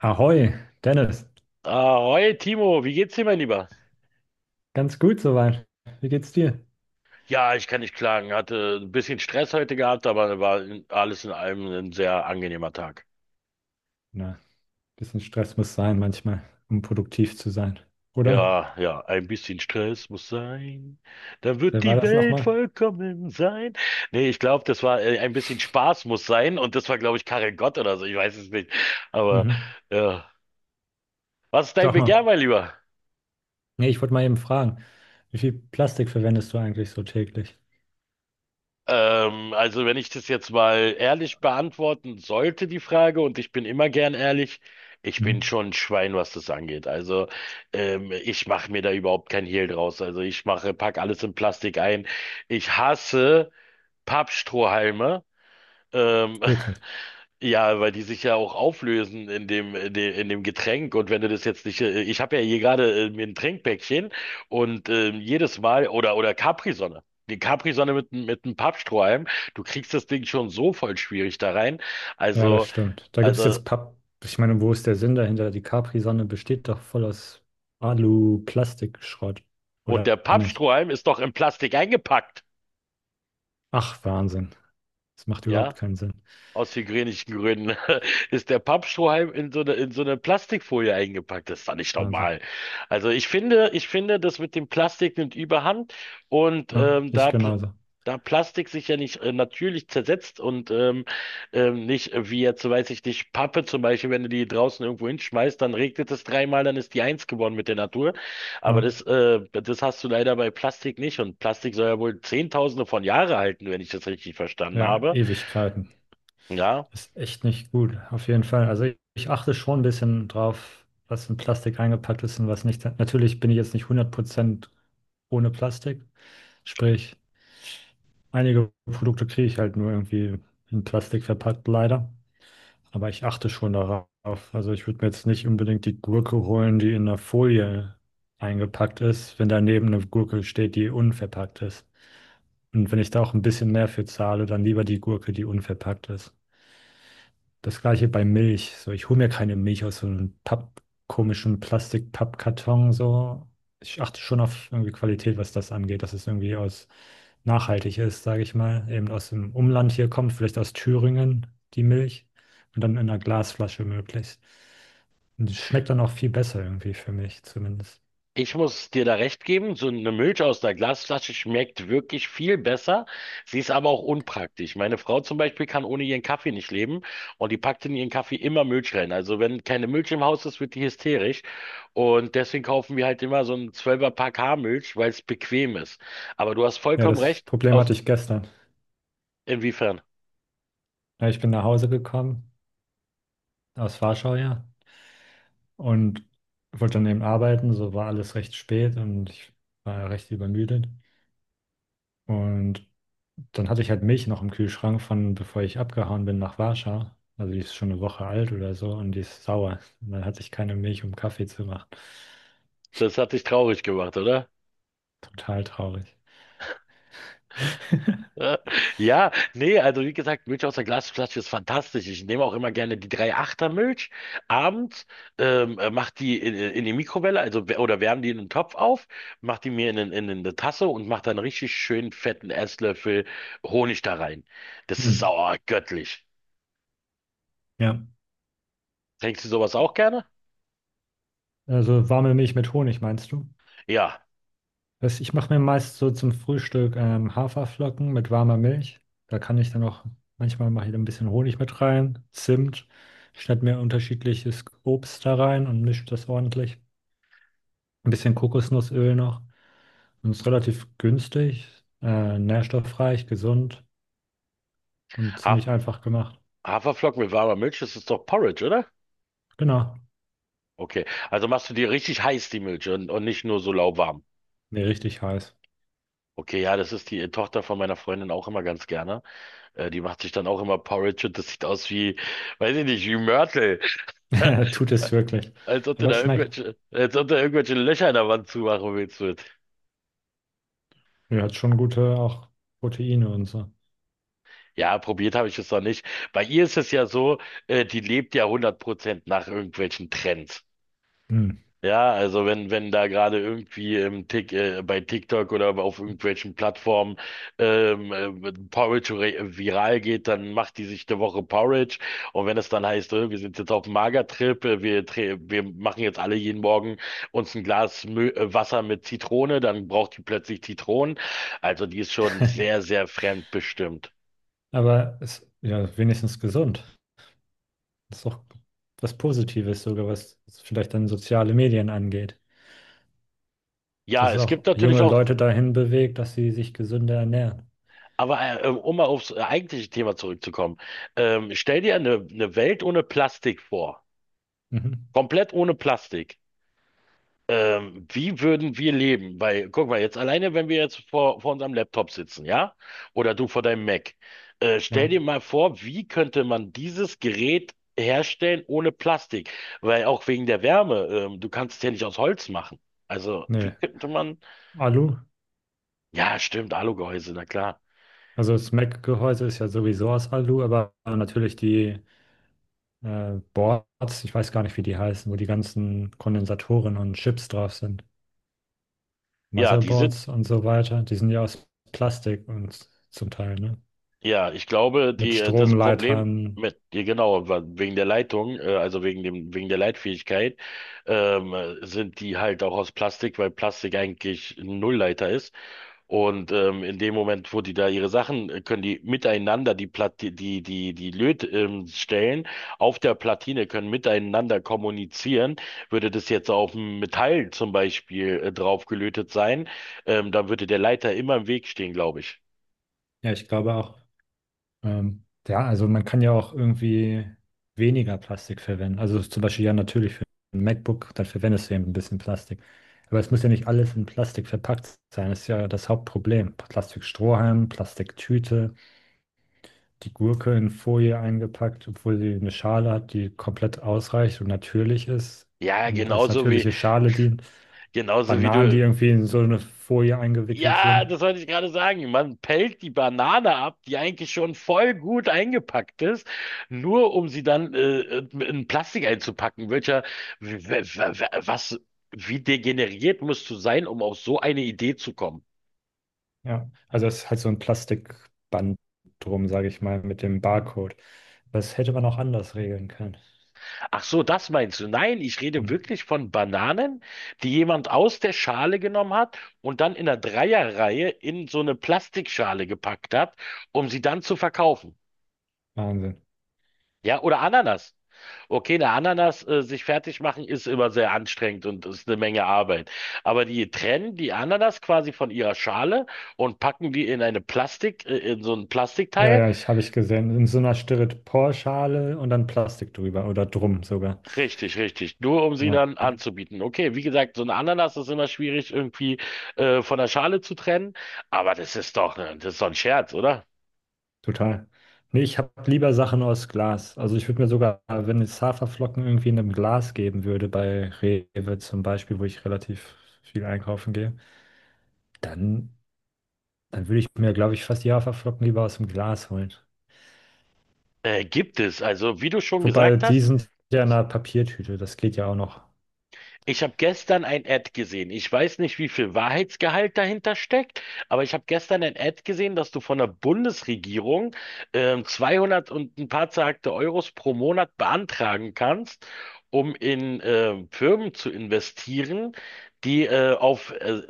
Ahoi, Dennis. Ahoi, Timo, wie geht's dir, mein Lieber? Ganz gut soweit. Wie geht's dir? Ja, ich kann nicht klagen. Hatte ein bisschen Stress heute gehabt, aber war alles in allem ein sehr angenehmer Tag. Na, bisschen Stress muss sein manchmal, um produktiv zu sein, oder? Ja, ja, ein bisschen Stress muss sein. Dann wird Wer war die das Welt nochmal? vollkommen sein. Nee, ich glaube, das war ein bisschen Spaß muss sein, und das war, glaube ich, Karel Gott oder so. Ich weiß es nicht. Aber Mhm. ja. Was ist dein Sag mal. Begehr, mein Lieber? Nee, ich wollte mal eben fragen, wie viel Plastik verwendest du eigentlich so täglich? Also wenn ich das jetzt mal ehrlich beantworten sollte, die Frage, und ich bin immer gern ehrlich, ich bin Mhm. schon ein Schwein, was das angeht. Also ich mache mir da überhaupt kein Hehl draus. Also ich mache, pack alles in Plastik ein. Ich hasse Pappstrohhalme. Ähm, Wirklich. Ja, weil die sich ja auch auflösen in dem Getränk. Und wenn du das jetzt nicht, ich habe ja hier gerade mir ein Trinkpäckchen und jedes Mal, oder Capri-Sonne. Die Capri-Sonne mit, mit einem Pappstrohhalm, du kriegst das Ding schon so voll schwierig da rein. Ja, das Also, stimmt. Da gibt's also, jetzt Papp. Ich meine, wo ist der Sinn dahinter? Die Capri-Sonne besteht doch voll aus Alu-Plastikschrott, und oder der nicht? Pappstrohhalm ist doch in Plastik eingepackt. Ach, Wahnsinn. Das macht überhaupt Ja, keinen Sinn. aus hygienischen Gründen ist der Pappstrohhalm in so eine Plastikfolie eingepackt. Das ist doch nicht Wahnsinn. normal. Also ich finde, das mit dem Plastik nimmt überhand, und Ja, da, ich Pl- genauso. da Plastik sich ja nicht natürlich zersetzt und nicht wie jetzt, weiß ich nicht, Pappe zum Beispiel, wenn du die draußen irgendwo hinschmeißt, dann regnet es dreimal, dann ist die eins geworden mit der Natur. Aber Ja. das hast du leider bei Plastik nicht, und Plastik soll ja wohl Zehntausende von Jahre halten, wenn ich das richtig verstanden Ja, habe. Ewigkeiten. Ja. Ist echt nicht gut, auf jeden Fall. Also ich achte schon ein bisschen drauf, was in Plastik eingepackt ist und was nicht. Natürlich bin ich jetzt nicht 100% ohne Plastik. Sprich, einige Produkte kriege ich halt nur irgendwie in Plastik verpackt, leider. Aber ich achte schon darauf. Also ich würde mir jetzt nicht unbedingt die Gurke holen, die in der Folie eingepackt ist, wenn daneben eine Gurke steht, die unverpackt ist. Und wenn ich da auch ein bisschen mehr für zahle, dann lieber die Gurke, die unverpackt ist. Das gleiche bei Milch. So, ich hole mir keine Milch aus so einem Papp, komischen Plastik-Pappkarton. So. Ich achte schon auf irgendwie Qualität, was das angeht, dass es irgendwie aus nachhaltig ist, sage ich mal. Eben aus dem Umland hier kommt, vielleicht aus Thüringen, die Milch. Und dann in einer Glasflasche möglichst. Und die schmeckt dann auch viel besser irgendwie für mich zumindest. Ich muss dir da recht geben, so eine Milch aus der Glasflasche schmeckt wirklich viel besser. Sie ist aber auch unpraktisch. Meine Frau zum Beispiel kann ohne ihren Kaffee nicht leben, und die packt in ihren Kaffee immer Milch rein. Also wenn keine Milch im Haus ist, wird die hysterisch. Und deswegen kaufen wir halt immer so einen 12er-Pack Haarmilch, weil es bequem ist. Aber du hast Ja, vollkommen das recht. Problem Aus hatte ich gestern. inwiefern? Ja, ich bin nach Hause gekommen, aus Warschau, ja, und wollte dann eben arbeiten, so war alles recht spät und ich war ja recht übermüdet. Und dann hatte ich halt Milch noch im Kühlschrank von, bevor ich abgehauen bin nach Warschau. Also die ist schon eine Woche alt oder so und die ist sauer. Und dann hatte ich keine Milch, um Kaffee zu machen. Das hat dich traurig gemacht, oder? Total traurig. Äh, Ja, nee, also wie gesagt, Milch aus der Glasflasche ist fantastisch. Ich nehme auch immer gerne die 3-8er Milch abends, mach die in die Mikrowelle, also oder wärme die in den Topf auf, mach die mir in eine Tasse und mach dann richtig schön fetten Esslöffel Honig da rein. Das ist Hm. oh, göttlich. Ja. Trinkst du sowas auch gerne? Also warme Milch mit Honig, meinst du? Ja, Was, ich mache mir meist so zum Frühstück Haferflocken mit warmer Milch. Da kann ich dann auch, manchmal mache ich da ein bisschen Honig mit rein, Zimt, schneide mir unterschiedliches Obst da rein und mische das ordentlich. Ein bisschen Kokosnussöl noch. Und ist relativ günstig, nährstoffreich, gesund und Haf ziemlich einfach gemacht. Haferflocken mit warmer Milch, das ist doch Porridge, oder? Genau. Okay, also machst du dir richtig heiß die Milch, und nicht nur so lauwarm. Nee, richtig heiß. Okay, ja, das ist die Tochter von meiner Freundin auch immer ganz gerne. Die macht sich dann auch immer Porridge, und das sieht aus wie, weiß ich nicht, wie Mörtel. Tut es wirklich. Als ob du Aber da es schmeckt. irgendwelche, als ob du irgendwelche Löcher in der Wand zumachen willst mit. Ja, hat schon gute auch Proteine und so. Ja, probiert habe ich es noch nicht. Bei ihr ist es ja so, die lebt ja 100% nach irgendwelchen Trends. Mm. Ja, also wenn da gerade irgendwie bei TikTok oder auf irgendwelchen Plattformen Porridge viral geht, dann macht die sich eine Woche Porridge. Und wenn es dann heißt, wir sind jetzt auf dem Magertrip, wir machen jetzt alle jeden Morgen uns ein Glas Mö Wasser mit Zitrone, dann braucht die plötzlich Zitronen. Also die ist schon sehr, sehr fremdbestimmt. Aber es ist ja wenigstens gesund. Das ist auch was Positives sogar, was vielleicht dann soziale Medien angeht. Ja, Dass es es gibt auch natürlich junge auch, Leute dahin bewegt, dass sie sich gesünder ernähren. aber um mal aufs eigentliche Thema zurückzukommen, stell dir eine Welt ohne Plastik vor. Mhm. Komplett ohne Plastik. Wie würden wir leben? Weil, guck mal, jetzt alleine, wenn wir jetzt vor unserem Laptop sitzen, ja? Oder du vor deinem Mac. Stell Ja, dir mal vor, wie könnte man dieses Gerät herstellen ohne Plastik? Weil auch wegen der Wärme, du kannst es ja nicht aus Holz machen. Also, wie nee. könnte man? Alu, Ja, stimmt, Alugehäuse, na klar. also das Mac-Gehäuse ist ja sowieso aus Alu, aber natürlich die Boards, ich weiß gar nicht, wie die heißen, wo die ganzen Kondensatoren und Chips drauf sind. Ja, die sind. Motherboards und so weiter, die sind ja aus Plastik und zum Teil, ne? Ja, ich glaube, Mit das Problem Stromleitern. mit, ja, genau, wegen der Leitung, also wegen dem, wegen der Leitfähigkeit, sind die halt auch aus Plastik, weil Plastik eigentlich ein Nullleiter ist. Und in dem Moment, wo die da ihre Sachen, können die miteinander die Plat die, die, die die Lötstellen auf der Platine können miteinander kommunizieren. Würde das jetzt auf dem Metall zum Beispiel drauf gelötet sein, dann würde der Leiter immer im Weg stehen, glaube ich. Ja, ich glaube auch. Ja, also man kann ja auch irgendwie weniger Plastik verwenden. Also zum Beispiel ja natürlich für ein MacBook, dann verwendest du eben ein bisschen Plastik. Aber es muss ja nicht alles in Plastik verpackt sein. Das ist ja das Hauptproblem. Plastikstrohhalm, Plastiktüte, die Gurke in Folie eingepackt, obwohl sie eine Schale hat, die komplett ausreicht und natürlich ist Ja, und als genauso wie, natürliche Schale dient. Genauso wie Bananen, die du. irgendwie in so eine Folie eingewickelt Ja, sind. das wollte ich gerade sagen. Man pellt die Banane ab, die eigentlich schon voll gut eingepackt ist, nur um sie dann in Plastik einzupacken. Welcher, w- w- w- was, wie degeneriert musst du sein, um auf so eine Idee zu kommen? Ja, also es ist halt so ein Plastikband drum, sage ich mal, mit dem Barcode. Das hätte man auch anders regeln können. Ach so, das meinst du? Nein, ich rede Hm. wirklich von Bananen, die jemand aus der Schale genommen hat und dann in der Dreierreihe in so eine Plastikschale gepackt hat, um sie dann zu verkaufen. Wahnsinn. Ja, oder Ananas. Okay, eine Ananas sich fertig machen ist immer sehr anstrengend und ist eine Menge Arbeit. Aber die trennen die Ananas quasi von ihrer Schale und packen die in in so ein Ja, Plastikteil. ja, ich habe ich gesehen. In so einer Styroporschale und dann Plastik drüber oder drum sogar. Richtig, richtig. Nur um sie Ja, dann anzubieten. Okay, wie gesagt, so eine Ananas ist immer schwierig irgendwie von der Schale zu trennen. Aber das ist doch, ne, das ist doch ein Scherz, oder? total. Nee, ich habe lieber Sachen aus Glas. Also ich würde mir sogar, wenn es Haferflocken irgendwie in einem Glas geben würde, bei Rewe zum Beispiel, wo ich relativ viel einkaufen gehe, dann, dann würde ich mir, glaube ich, fast die Haferflocken lieber aus dem Glas holen. Gibt es. Also, wie du schon Wobei, gesagt die hast. sind ja in einer Papiertüte, das geht ja auch noch. Ich habe gestern ein Ad gesehen. Ich weiß nicht, wie viel Wahrheitsgehalt dahinter steckt, aber ich habe gestern ein Ad gesehen, dass du von der Bundesregierung 200 und ein paar zerhackte Euros pro Monat beantragen kannst, um in Firmen zu investieren, die auf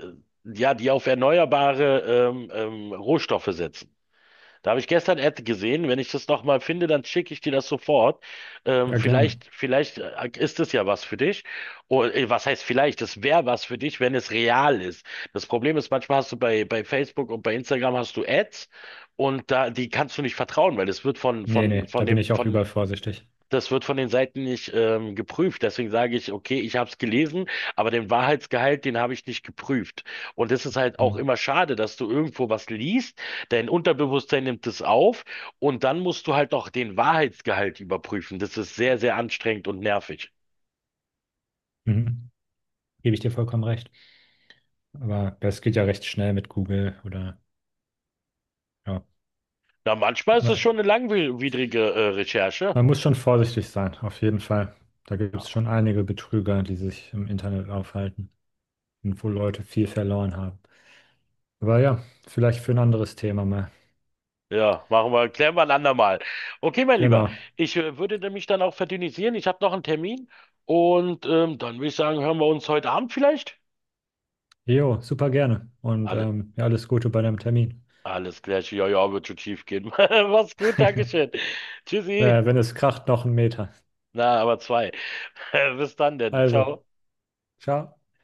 ja, die auf erneuerbare Rohstoffe setzen. Da habe ich gestern Ad gesehen. Wenn ich das nochmal finde, dann schicke ich dir das sofort. Ähm, Ja, gerne. vielleicht, vielleicht äh, ist es ja was für dich. Oder, was heißt vielleicht? Das wäre was für dich, wenn es real ist. Das Problem ist, manchmal hast du bei Facebook und bei Instagram hast du Ads, und da, die kannst du nicht vertrauen, weil es wird Nee, nee, da von bin dem, ich auch von übervorsichtig. das wird von den Seiten nicht geprüft. Deswegen sage ich, okay, ich habe es gelesen, aber den Wahrheitsgehalt, den habe ich nicht geprüft. Und das ist halt auch Hm. immer schade, dass du irgendwo was liest, dein Unterbewusstsein nimmt es auf, und dann musst du halt noch den Wahrheitsgehalt überprüfen. Das ist sehr, sehr anstrengend und nervig. Mhm. Gebe ich dir vollkommen recht. Aber das geht ja recht schnell mit Google oder ja. Na, manchmal ist das Aber schon eine langwierige Recherche. man muss schon vorsichtig sein, auf jeden Fall. Da gibt Ja, es schon einige Betrüger, die sich im Internet aufhalten und wo Leute viel verloren haben. Aber ja, vielleicht für ein anderes Thema mal. ja, machen wir, klären wir ein andermal. Okay, mein Lieber, Genau. ich würde mich dann auch verdünnisieren. Ich habe noch einen Termin, und dann würde ich sagen, hören wir uns heute Abend vielleicht? Jo, super gerne. Und Alle, ja, alles Gute bei deinem Termin. Alles klar, ja, ja, wird schon schief gehen. Mach's gut, Dankeschön. Tschüssi. Wenn es kracht, noch 1 Meter. Na, aber zwei. Bis dann denn. Also. Ciao. Ciao.